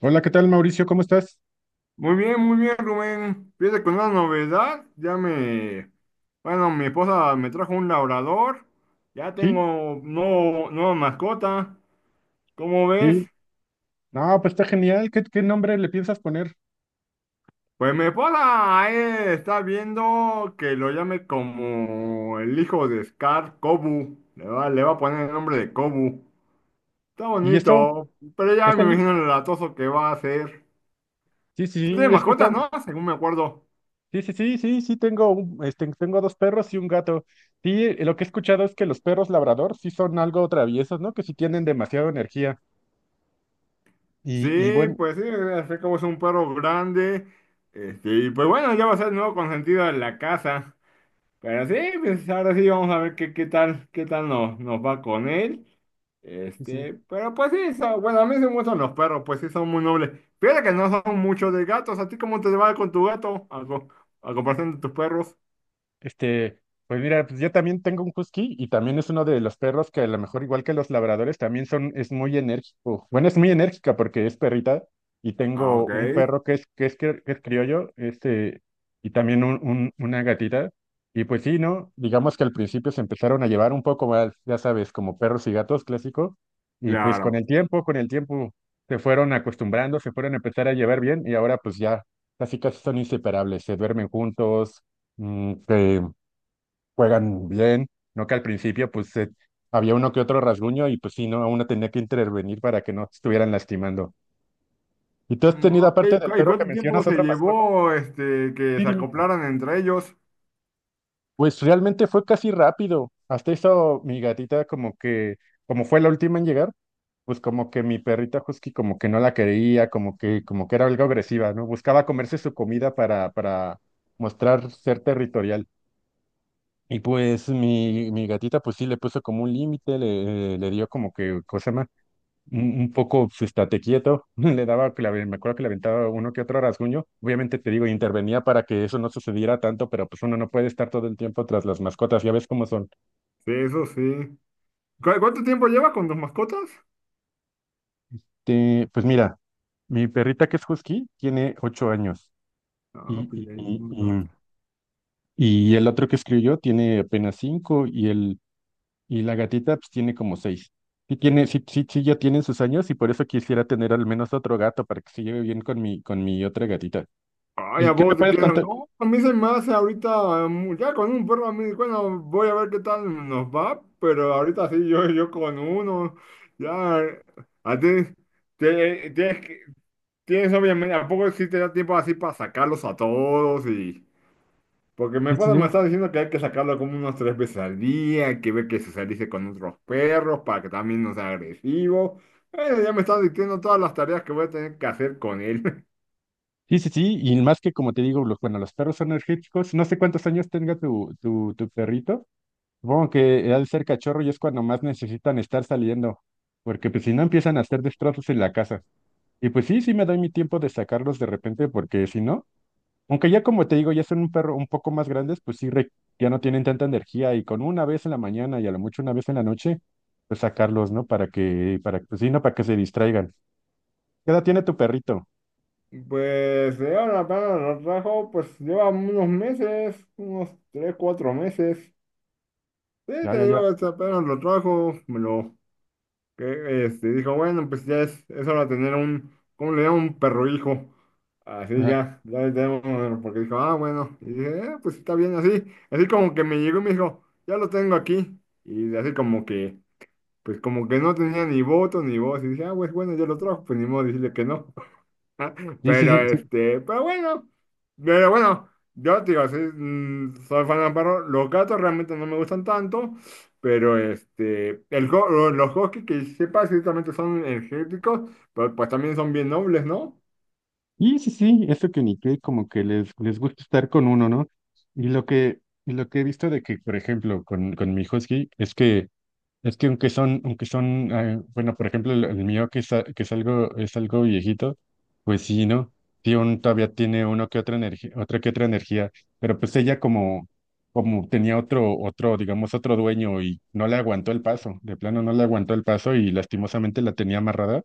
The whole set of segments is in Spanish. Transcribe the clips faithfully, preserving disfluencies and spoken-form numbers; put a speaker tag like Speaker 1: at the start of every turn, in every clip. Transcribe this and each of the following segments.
Speaker 1: Hola, ¿qué tal, Mauricio? ¿Cómo estás?
Speaker 2: Muy bien, muy bien, Rubén. Fíjate con una novedad, ya me, bueno, mi esposa me trajo un labrador, ya
Speaker 1: Sí,
Speaker 2: tengo nuevo- nueva mascota. ¿Cómo
Speaker 1: sí.
Speaker 2: ves?
Speaker 1: No, pues está genial. ¿Qué, qué nombre le piensas poner?
Speaker 2: Pues mi esposa eh, está viendo que lo llame como el hijo de Scar, Kobu. Le va, le va a poner el nombre de Kobu. Está
Speaker 1: ¿Y esto?
Speaker 2: bonito, pero ya
Speaker 1: ¿Este
Speaker 2: me
Speaker 1: li-
Speaker 2: imagino el latoso que va a ser.
Speaker 1: Sí, sí,
Speaker 2: Tú
Speaker 1: sí,
Speaker 2: tienes
Speaker 1: he
Speaker 2: mascotas,
Speaker 1: escuchado.
Speaker 2: ¿no? Según me acuerdo.
Speaker 1: Sí, sí, sí, sí, sí, tengo un- este, tengo dos perros y un gato. Sí, eh, lo que he escuchado es que los perros labrador sí son algo traviesos, ¿no? Que sí tienen demasiada energía.
Speaker 2: Sí,
Speaker 1: Y, y bueno,
Speaker 2: pues sí, así como es un perro grande. Este, y pues bueno, ya va a ser el nuevo consentido de la casa. Pero sí, pues ahora sí vamos a ver qué, qué tal, qué tal nos, nos va con él.
Speaker 1: sí, sí.
Speaker 2: Este, pero pues sí, son- bueno, a mí sí me gustan los perros, pues sí son muy nobles. Fíjate que no son muchos de gatos. ¿A ti cómo te va con tu gato? A, co- a comparación de tus perros.
Speaker 1: Este, pues mira, pues yo también tengo un husky y también es uno de los perros que a lo mejor igual que los labradores también son, es muy enérgico. Bueno, es muy enérgica porque es perrita y
Speaker 2: Ah,
Speaker 1: tengo
Speaker 2: ok,
Speaker 1: un perro que es, que es, cri- que es criollo, este, y también un, un- una gatita. Y pues sí, ¿no? Digamos que al principio se empezaron a llevar un poco mal, ya sabes, como perros y gatos clásico. Y pues con
Speaker 2: claro.
Speaker 1: el tiempo, con el tiempo se fueron acostumbrando, se fueron a empezar a llevar bien y ahora pues ya casi casi son inseparables, se duermen juntos mm, que juegan bien, ¿no? Que al principio pues se- había uno que otro rasguño y pues sí, ¿no? Uno tenía que intervenir para que no estuvieran lastimando. ¿Y tú has
Speaker 2: Mm,
Speaker 1: tenido,
Speaker 2: ok,
Speaker 1: aparte del
Speaker 2: ¿cu- ¿y
Speaker 1: perro que
Speaker 2: cuánto tiempo
Speaker 1: mencionas,
Speaker 2: se
Speaker 1: otra mascota?
Speaker 2: llevó este que
Speaker 1: Sí,
Speaker 2: se
Speaker 1: dime.
Speaker 2: acoplaran entre ellos?
Speaker 1: Pues realmente fue casi rápido. Hasta eso mi gatita como que, como fue la última en llegar, pues como que mi perrita husky como que no la quería, como que, como que era algo agresiva, ¿no? Buscaba comerse su comida para, para mostrar ser territorial. Y pues mi, mi gatita pues sí le puso como un límite, le, eh, le dio como que, cosa más, un, un poco, pues, estate quieto, le daba, que le aven- me acuerdo que le aventaba uno que otro rasguño, obviamente te digo, intervenía para que eso no sucediera tanto, pero pues uno no puede estar todo el tiempo tras las mascotas, ya ves cómo son.
Speaker 2: Sí, eso sí. ¿Cu- ¿Cuánto tiempo llevas con tus mascotas?
Speaker 1: Te- pues mira, mi perrita que es husky tiene ocho años
Speaker 2: Ah,
Speaker 1: y,
Speaker 2: pues
Speaker 1: y,
Speaker 2: ya llevo
Speaker 1: y,
Speaker 2: un rato.
Speaker 1: y- y el otro que escribió tiene apenas cinco y el, y la gatita pues tiene como seis. Sí tiene, sí, sí, sí ya tiene sus años y por eso quisiera tener al menos otro gato para que se lleve bien con mi, con mi otra gatita.
Speaker 2: Ay,
Speaker 1: ¿Y
Speaker 2: ¿a
Speaker 1: qué me
Speaker 2: vos te
Speaker 1: puedes
Speaker 2: quedas?
Speaker 1: contar?
Speaker 2: No, a mí se me hace ahorita, mm, ya con un perro a mí, bueno, voy a ver qué tal nos va, pero ahorita sí, yo, yo con uno, ya, a ti, te- tienes, que- tienes obviamente, ¿a poco sí te da tiempo así para sacarlos a todos? Y, Porque mi
Speaker 1: Sí, sí, sí.
Speaker 2: esposa me está diciendo que hay que sacarlo como unas tres veces al día, hay que ver que socialice con otros perros para que también no sea agresivo. Eh, ya me está diciendo todas las tareas que voy a tener que hacer con él.
Speaker 1: Sí, sí, sí, y más que como te digo, los, bueno, los perros son energéticos. No sé cuántos años tenga tu, tu, tu perrito. Supongo que al ser cachorro y es cuando más necesitan estar saliendo, porque pues si no empiezan a hacer destrozos en la casa. Y pues sí, sí me doy mi tiempo de sacarlos de repente, porque si no... Aunque ya como te digo, ya son un perro un poco más grandes, pues sí, re- ya no tienen tanta energía y con una vez en la mañana y a lo mucho una vez en la noche, pues sacarlos, ¿no? Para que, para, pues sí, no, para que se distraigan. ¿Qué edad tiene tu perrito?
Speaker 2: Pues de ahora para lo trajo, pues lleva unos meses, unos tres, cuatro meses. Sí,
Speaker 1: Ya, ya,
Speaker 2: te
Speaker 1: ya.
Speaker 2: digo, este apenas lo trajo, me lo que este, dijo, bueno, pues ya es, es hora de tener un, ¿cómo le llaman? Un perro hijo. Así
Speaker 1: Ajá.
Speaker 2: ya, ya le tenemos, bueno, porque dijo, ah, bueno, y dije, "Eh, pues está bien así." Así como que me llegó y me dijo, ya lo tengo aquí. Y así como que, pues como que no tenía ni voto ni voz. Y dije, ah, pues bueno, ya lo trajo, pues ni modo decirle que no.
Speaker 1: Sí, sí,
Speaker 2: Pero
Speaker 1: sí, sí.
Speaker 2: este, pero bueno, pero bueno, yo te digo, soy, mm, soy fan de los. Los gatos realmente no me gustan tanto, pero este, el, go- lo- los huskies que sepa ciertamente son energéticos, pero pues también son bien nobles, ¿no?
Speaker 1: Y sí, sí, eso que ni que como que les, les gusta estar con uno, ¿no? Y lo que, y lo que he visto de que, por ejemplo, con, con mi husky, es que es que aunque son, aunque son, eh, bueno, por ejemplo, el, el mío que es, a- que es algo, es algo viejito, pues sí, ¿no? Sí, aún todavía tiene uno que otra energía, otra que otra energía, pero pues ella como, como tenía otro, otro, digamos, otro dueño y no le aguantó el paso, de plano no le aguantó el paso y lastimosamente la tenía amarrada.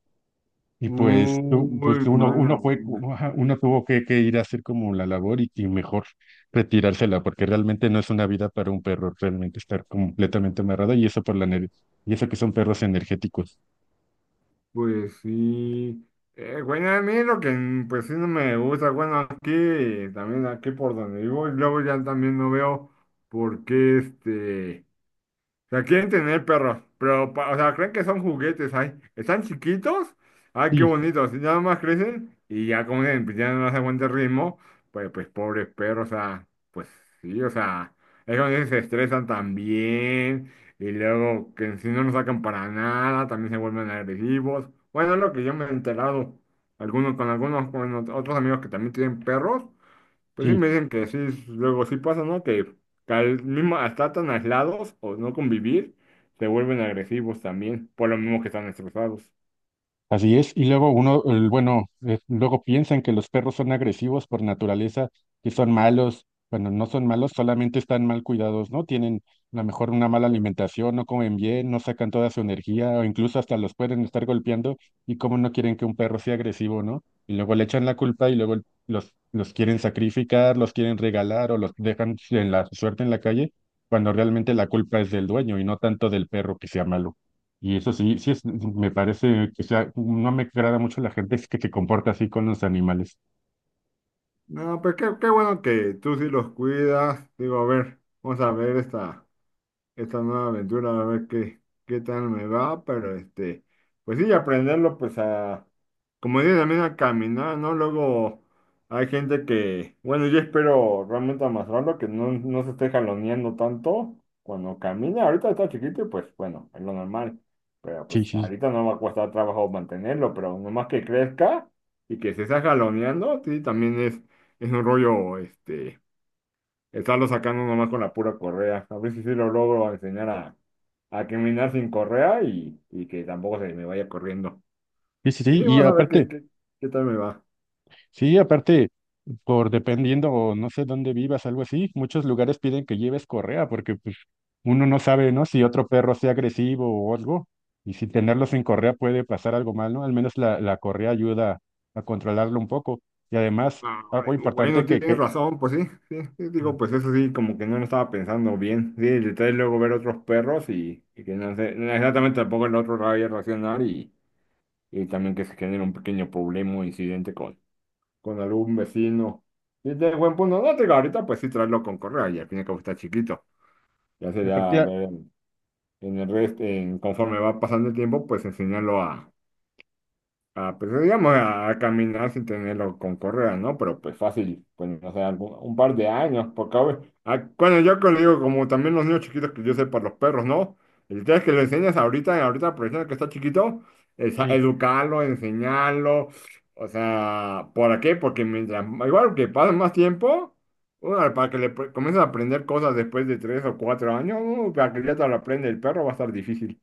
Speaker 1: Y pues, tú-
Speaker 2: Muy
Speaker 1: pues uno,
Speaker 2: mala
Speaker 1: uno fue,
Speaker 2: onda.
Speaker 1: como, ajá, uno tuvo que, que ir a hacer como la labor y, y mejor retirársela, porque realmente no es una vida para un perro, realmente estar completamente amarrado y eso por la ener- y eso que son perros energéticos.
Speaker 2: Pues sí. Eh, bueno, a mí lo que mm, pues sí no me gusta, bueno, aquí también aquí por donde vivo, y luego ya también no veo por qué este. Sea, quieren tener perros, pero, pa- o sea, creen que son juguetes, ay, están chiquitos, ay, qué
Speaker 1: Sí,
Speaker 2: bonitos, y nada más crecen y ya como dicen, pues, ya no les aguanta el ritmo, pues, pues, pobres perros, o sea, pues sí, o sea, es cuando dicen, se estresan también, y luego que si no nos sacan para nada, también se vuelven agresivos, bueno, es lo que yo me he enterado, algunos, con algunos, con otros amigos que también tienen perros, pues sí
Speaker 1: sí.
Speaker 2: me dicen que sí, luego sí pasa, ¿no? Que al mismo, hasta tan aislados o no convivir, se vuelven agresivos también, por lo mismo que están estresados.
Speaker 1: Así es, y luego uno, el- bueno, eh, luego piensan que los perros son agresivos por naturaleza, que son malos, bueno no son malos, solamente están mal cuidados, ¿no? Tienen a lo mejor una mala alimentación, no comen bien, no sacan toda su energía, o incluso hasta los pueden estar golpeando, y cómo no quieren que un perro sea agresivo, ¿no? Y luego le echan la culpa y luego el- los, los quieren sacrificar, los quieren regalar o los dejan en la suerte en la calle, cuando realmente la culpa es del dueño y no tanto del perro que sea malo. Y eso sí, sí es, me parece que sea, no me agrada mucho la gente que se comporta así con los animales.
Speaker 2: No, pues qué, qué bueno que tú sí los cuidas. Digo, a ver, vamos a ver esta. esta nueva aventura, a ver qué, qué tal me va, pero este, pues sí, aprenderlo, pues a, como digo, también a caminar, ¿no? Luego hay gente que, bueno, yo espero realmente amasarlo, que no, no se esté jaloneando tanto cuando camina, ahorita está chiquito y pues bueno, es lo normal, pero
Speaker 1: Sí,
Speaker 2: pues
Speaker 1: sí,
Speaker 2: ahorita no va a costar trabajo mantenerlo, pero nomás que crezca y que se esté jaloneando, sí, también es, es, un rollo, este. Estarlo sacando nomás con la pura correa. A ver si sí lo logro enseñar a, a caminar sin correa y, y que tampoco se me vaya corriendo.
Speaker 1: sí, sí, sí.
Speaker 2: Sí,
Speaker 1: Y
Speaker 2: vamos a ver
Speaker 1: aparte,
Speaker 2: qué, qué, qué tal me va.
Speaker 1: sí, aparte, por dependiendo o no sé dónde vivas, algo así, muchos lugares piden que lleves correa porque pues uno no sabe, ¿no? Si otro perro sea agresivo o algo. Y si tenerlo sin correa puede pasar algo mal, ¿no? Al menos la, la correa ayuda a controlarlo un poco. Y además, algo
Speaker 2: Ay,
Speaker 1: importante
Speaker 2: bueno,
Speaker 1: que,
Speaker 2: tienes
Speaker 1: que,
Speaker 2: razón, pues sí, sí, sí, digo, pues eso sí, como que no lo estaba pensando bien. Sí, el detalle es luego ver otros perros y, y que no sé, no, exactamente tampoco el otro vaya a reaccionar, y, y también que se genere un pequeño problema o incidente con, con algún vecino. Y de buen punto, no te digo, ahorita pues sí traerlo con correa y al fin y al cabo está chiquito. Ya
Speaker 1: y
Speaker 2: sería, a
Speaker 1: aparte,
Speaker 2: ver, en el resto, en, conforme va pasando el tiempo, pues enseñarlo a... Ah, pues eh, digamos a, a caminar sin tenerlo con correa, ¿no? Pero pues fácil, pues no sé, algún- un par de años, porque a ver, ah, bueno, yo que le digo, como también los niños chiquitos que yo sé para los perros, ¿no? El tema es que lo enseñas ahorita, ahorita aprovechando que está chiquito, es a-
Speaker 1: sí,
Speaker 2: educarlo, enseñarlo, o sea, ¿por qué? Porque mientras, igual que pasa más tiempo, uno, para que le pre- comiences a aprender cosas después de tres o cuatro años, uh, para que ya te lo aprende el perro va a estar difícil.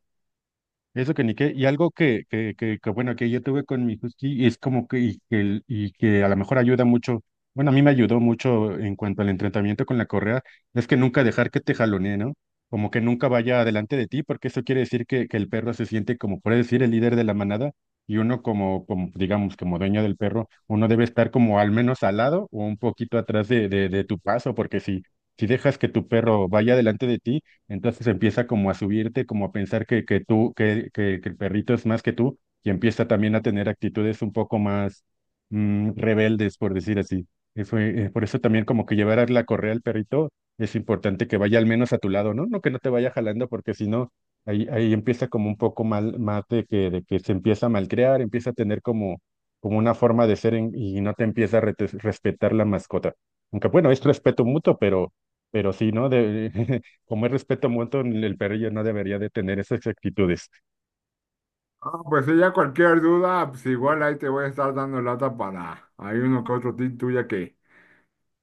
Speaker 1: eso que ni qué, y algo que, que, que, que, bueno, que yo tuve con mi husky, y es como que, y que, el- y que a lo mejor ayuda mucho, bueno, a mí me ayudó mucho en cuanto al entrenamiento con la correa, es que nunca dejar que te jalonee, ¿no? Como que nunca vaya adelante de ti, porque eso quiere decir que, que el perro se siente como, puede decir, el líder de la manada, y uno como, como, digamos, como dueño del perro, uno debe estar como al menos al lado o un poquito atrás de, de, de tu paso, porque si, si dejas que tu perro vaya adelante de ti, entonces empieza como a subirte, como a pensar que, que tú, que, que, que el perrito es más que tú, y empieza también a tener actitudes un poco más mm, rebeldes, por decir así. Y fue, eh, por eso también como que llevar a la correa al perrito es importante que vaya al menos a tu lado, ¿no? No que no te vaya jalando, porque si no, ahí, ahí empieza como un poco mal, más de que, de que se empieza a malcriar, empieza a tener como, como una forma de ser en- y no te empieza a rete- respetar la mascota. Aunque bueno, es respeto mutuo, pero... Pero sí, ¿no? De, como es respeto mutuo, el perro ya no debería de tener esas actitudes.
Speaker 2: Ah, pues si ya cualquier duda, pues igual ahí te voy a estar dando lata. Para. Hay uno que otro tip tuya que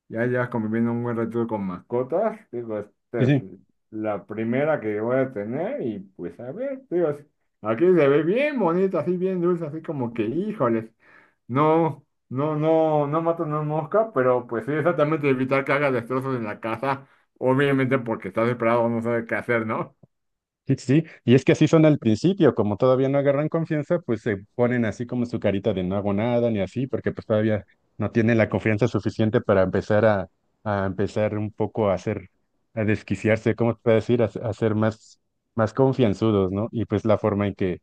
Speaker 2: ya llevas conviviendo un buen rato con mascotas. Digo, esta
Speaker 1: Sí,
Speaker 2: es
Speaker 1: sí.
Speaker 2: la primera que voy a tener y pues a ver, digo, aquí se ve bien bonita, así bien dulce, así como que, híjoles, no, no, no, no mata una mosca, pero pues sí, exactamente evitar que haga destrozos en la casa, obviamente porque está desesperado, no sabe qué hacer, ¿no?
Speaker 1: Sí, sí, sí. Y es que así son al principio, como todavía no agarran confianza, pues se ponen así como su carita de no hago nada ni así, porque pues todavía no tienen la confianza suficiente para empezar a, a empezar un poco a hacer, a desquiciarse, ¿cómo te puedo decir? A, se- a ser más, más confianzudos, ¿no? Y pues la forma en que,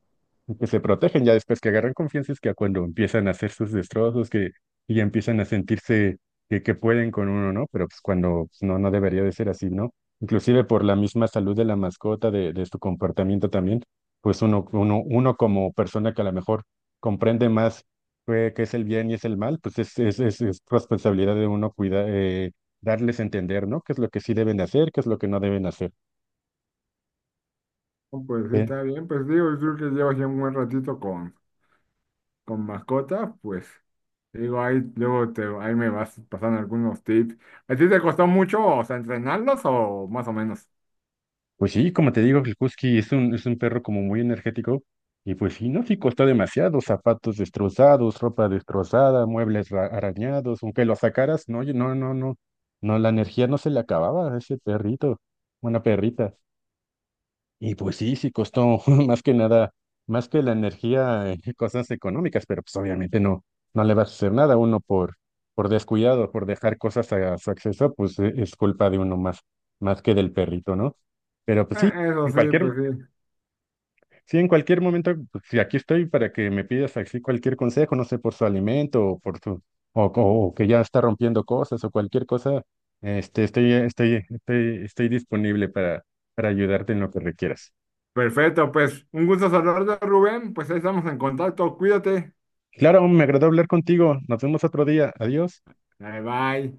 Speaker 1: en que se protegen ya después que agarran confianza es que cuando empiezan a hacer sus destrozos, que y ya empiezan a sentirse que, que pueden con uno, ¿no? Pero pues cuando pues, no, no debería de ser así, ¿no? Inclusive por la misma salud de la mascota, de, de su comportamiento también, pues uno, uno, uno como persona que a lo mejor comprende más qué, qué es el bien y es el mal, pues es, es, es, es responsabilidad de uno cuidar, darles a entender, ¿no? ¿Qué es lo que sí deben hacer, qué es lo que no deben hacer?
Speaker 2: No, pues sí,
Speaker 1: Eh,
Speaker 2: está bien, pues digo, yo creo que llevas ya un buen ratito con. con mascotas, pues te digo, ahí luego te, ahí me vas pasando algunos tips. ¿A ti te costó mucho, o sea, entrenarlos o más o menos?
Speaker 1: Pues sí, como te digo, el Husky es un, es un perro como muy energético y pues sí, no, sí costó demasiado, zapatos destrozados, ropa destrozada, muebles ra- arañados, aunque lo sacaras, no, yo- no, no, no, no, la energía no se le acababa a ese perrito, una perrita. Y pues sí, sí costó más que nada, más que la energía, eh, cosas económicas, pero pues obviamente no, no le vas a hacer nada uno por, por descuidado, por dejar cosas a su acceso, pues eh, es culpa de uno más, más que del perrito, ¿no? Pero pues sí,
Speaker 2: Eh, Eso
Speaker 1: en
Speaker 2: sí,
Speaker 1: cualquier,
Speaker 2: pues sí.
Speaker 1: sí, en cualquier momento, pues, sí, aquí estoy para que me pidas así cualquier consejo, no sé, por su alimento o por su, o, o- o que ya está rompiendo cosas o cualquier cosa, este, estoy, estoy, estoy, estoy disponible para, para ayudarte en lo que requieras.
Speaker 2: Perfecto, pues un gusto saludarte, Rubén. Pues ahí estamos en contacto. Cuídate.
Speaker 1: Claro, me agradó hablar contigo. Nos vemos otro día. Adiós.
Speaker 2: Bye bye.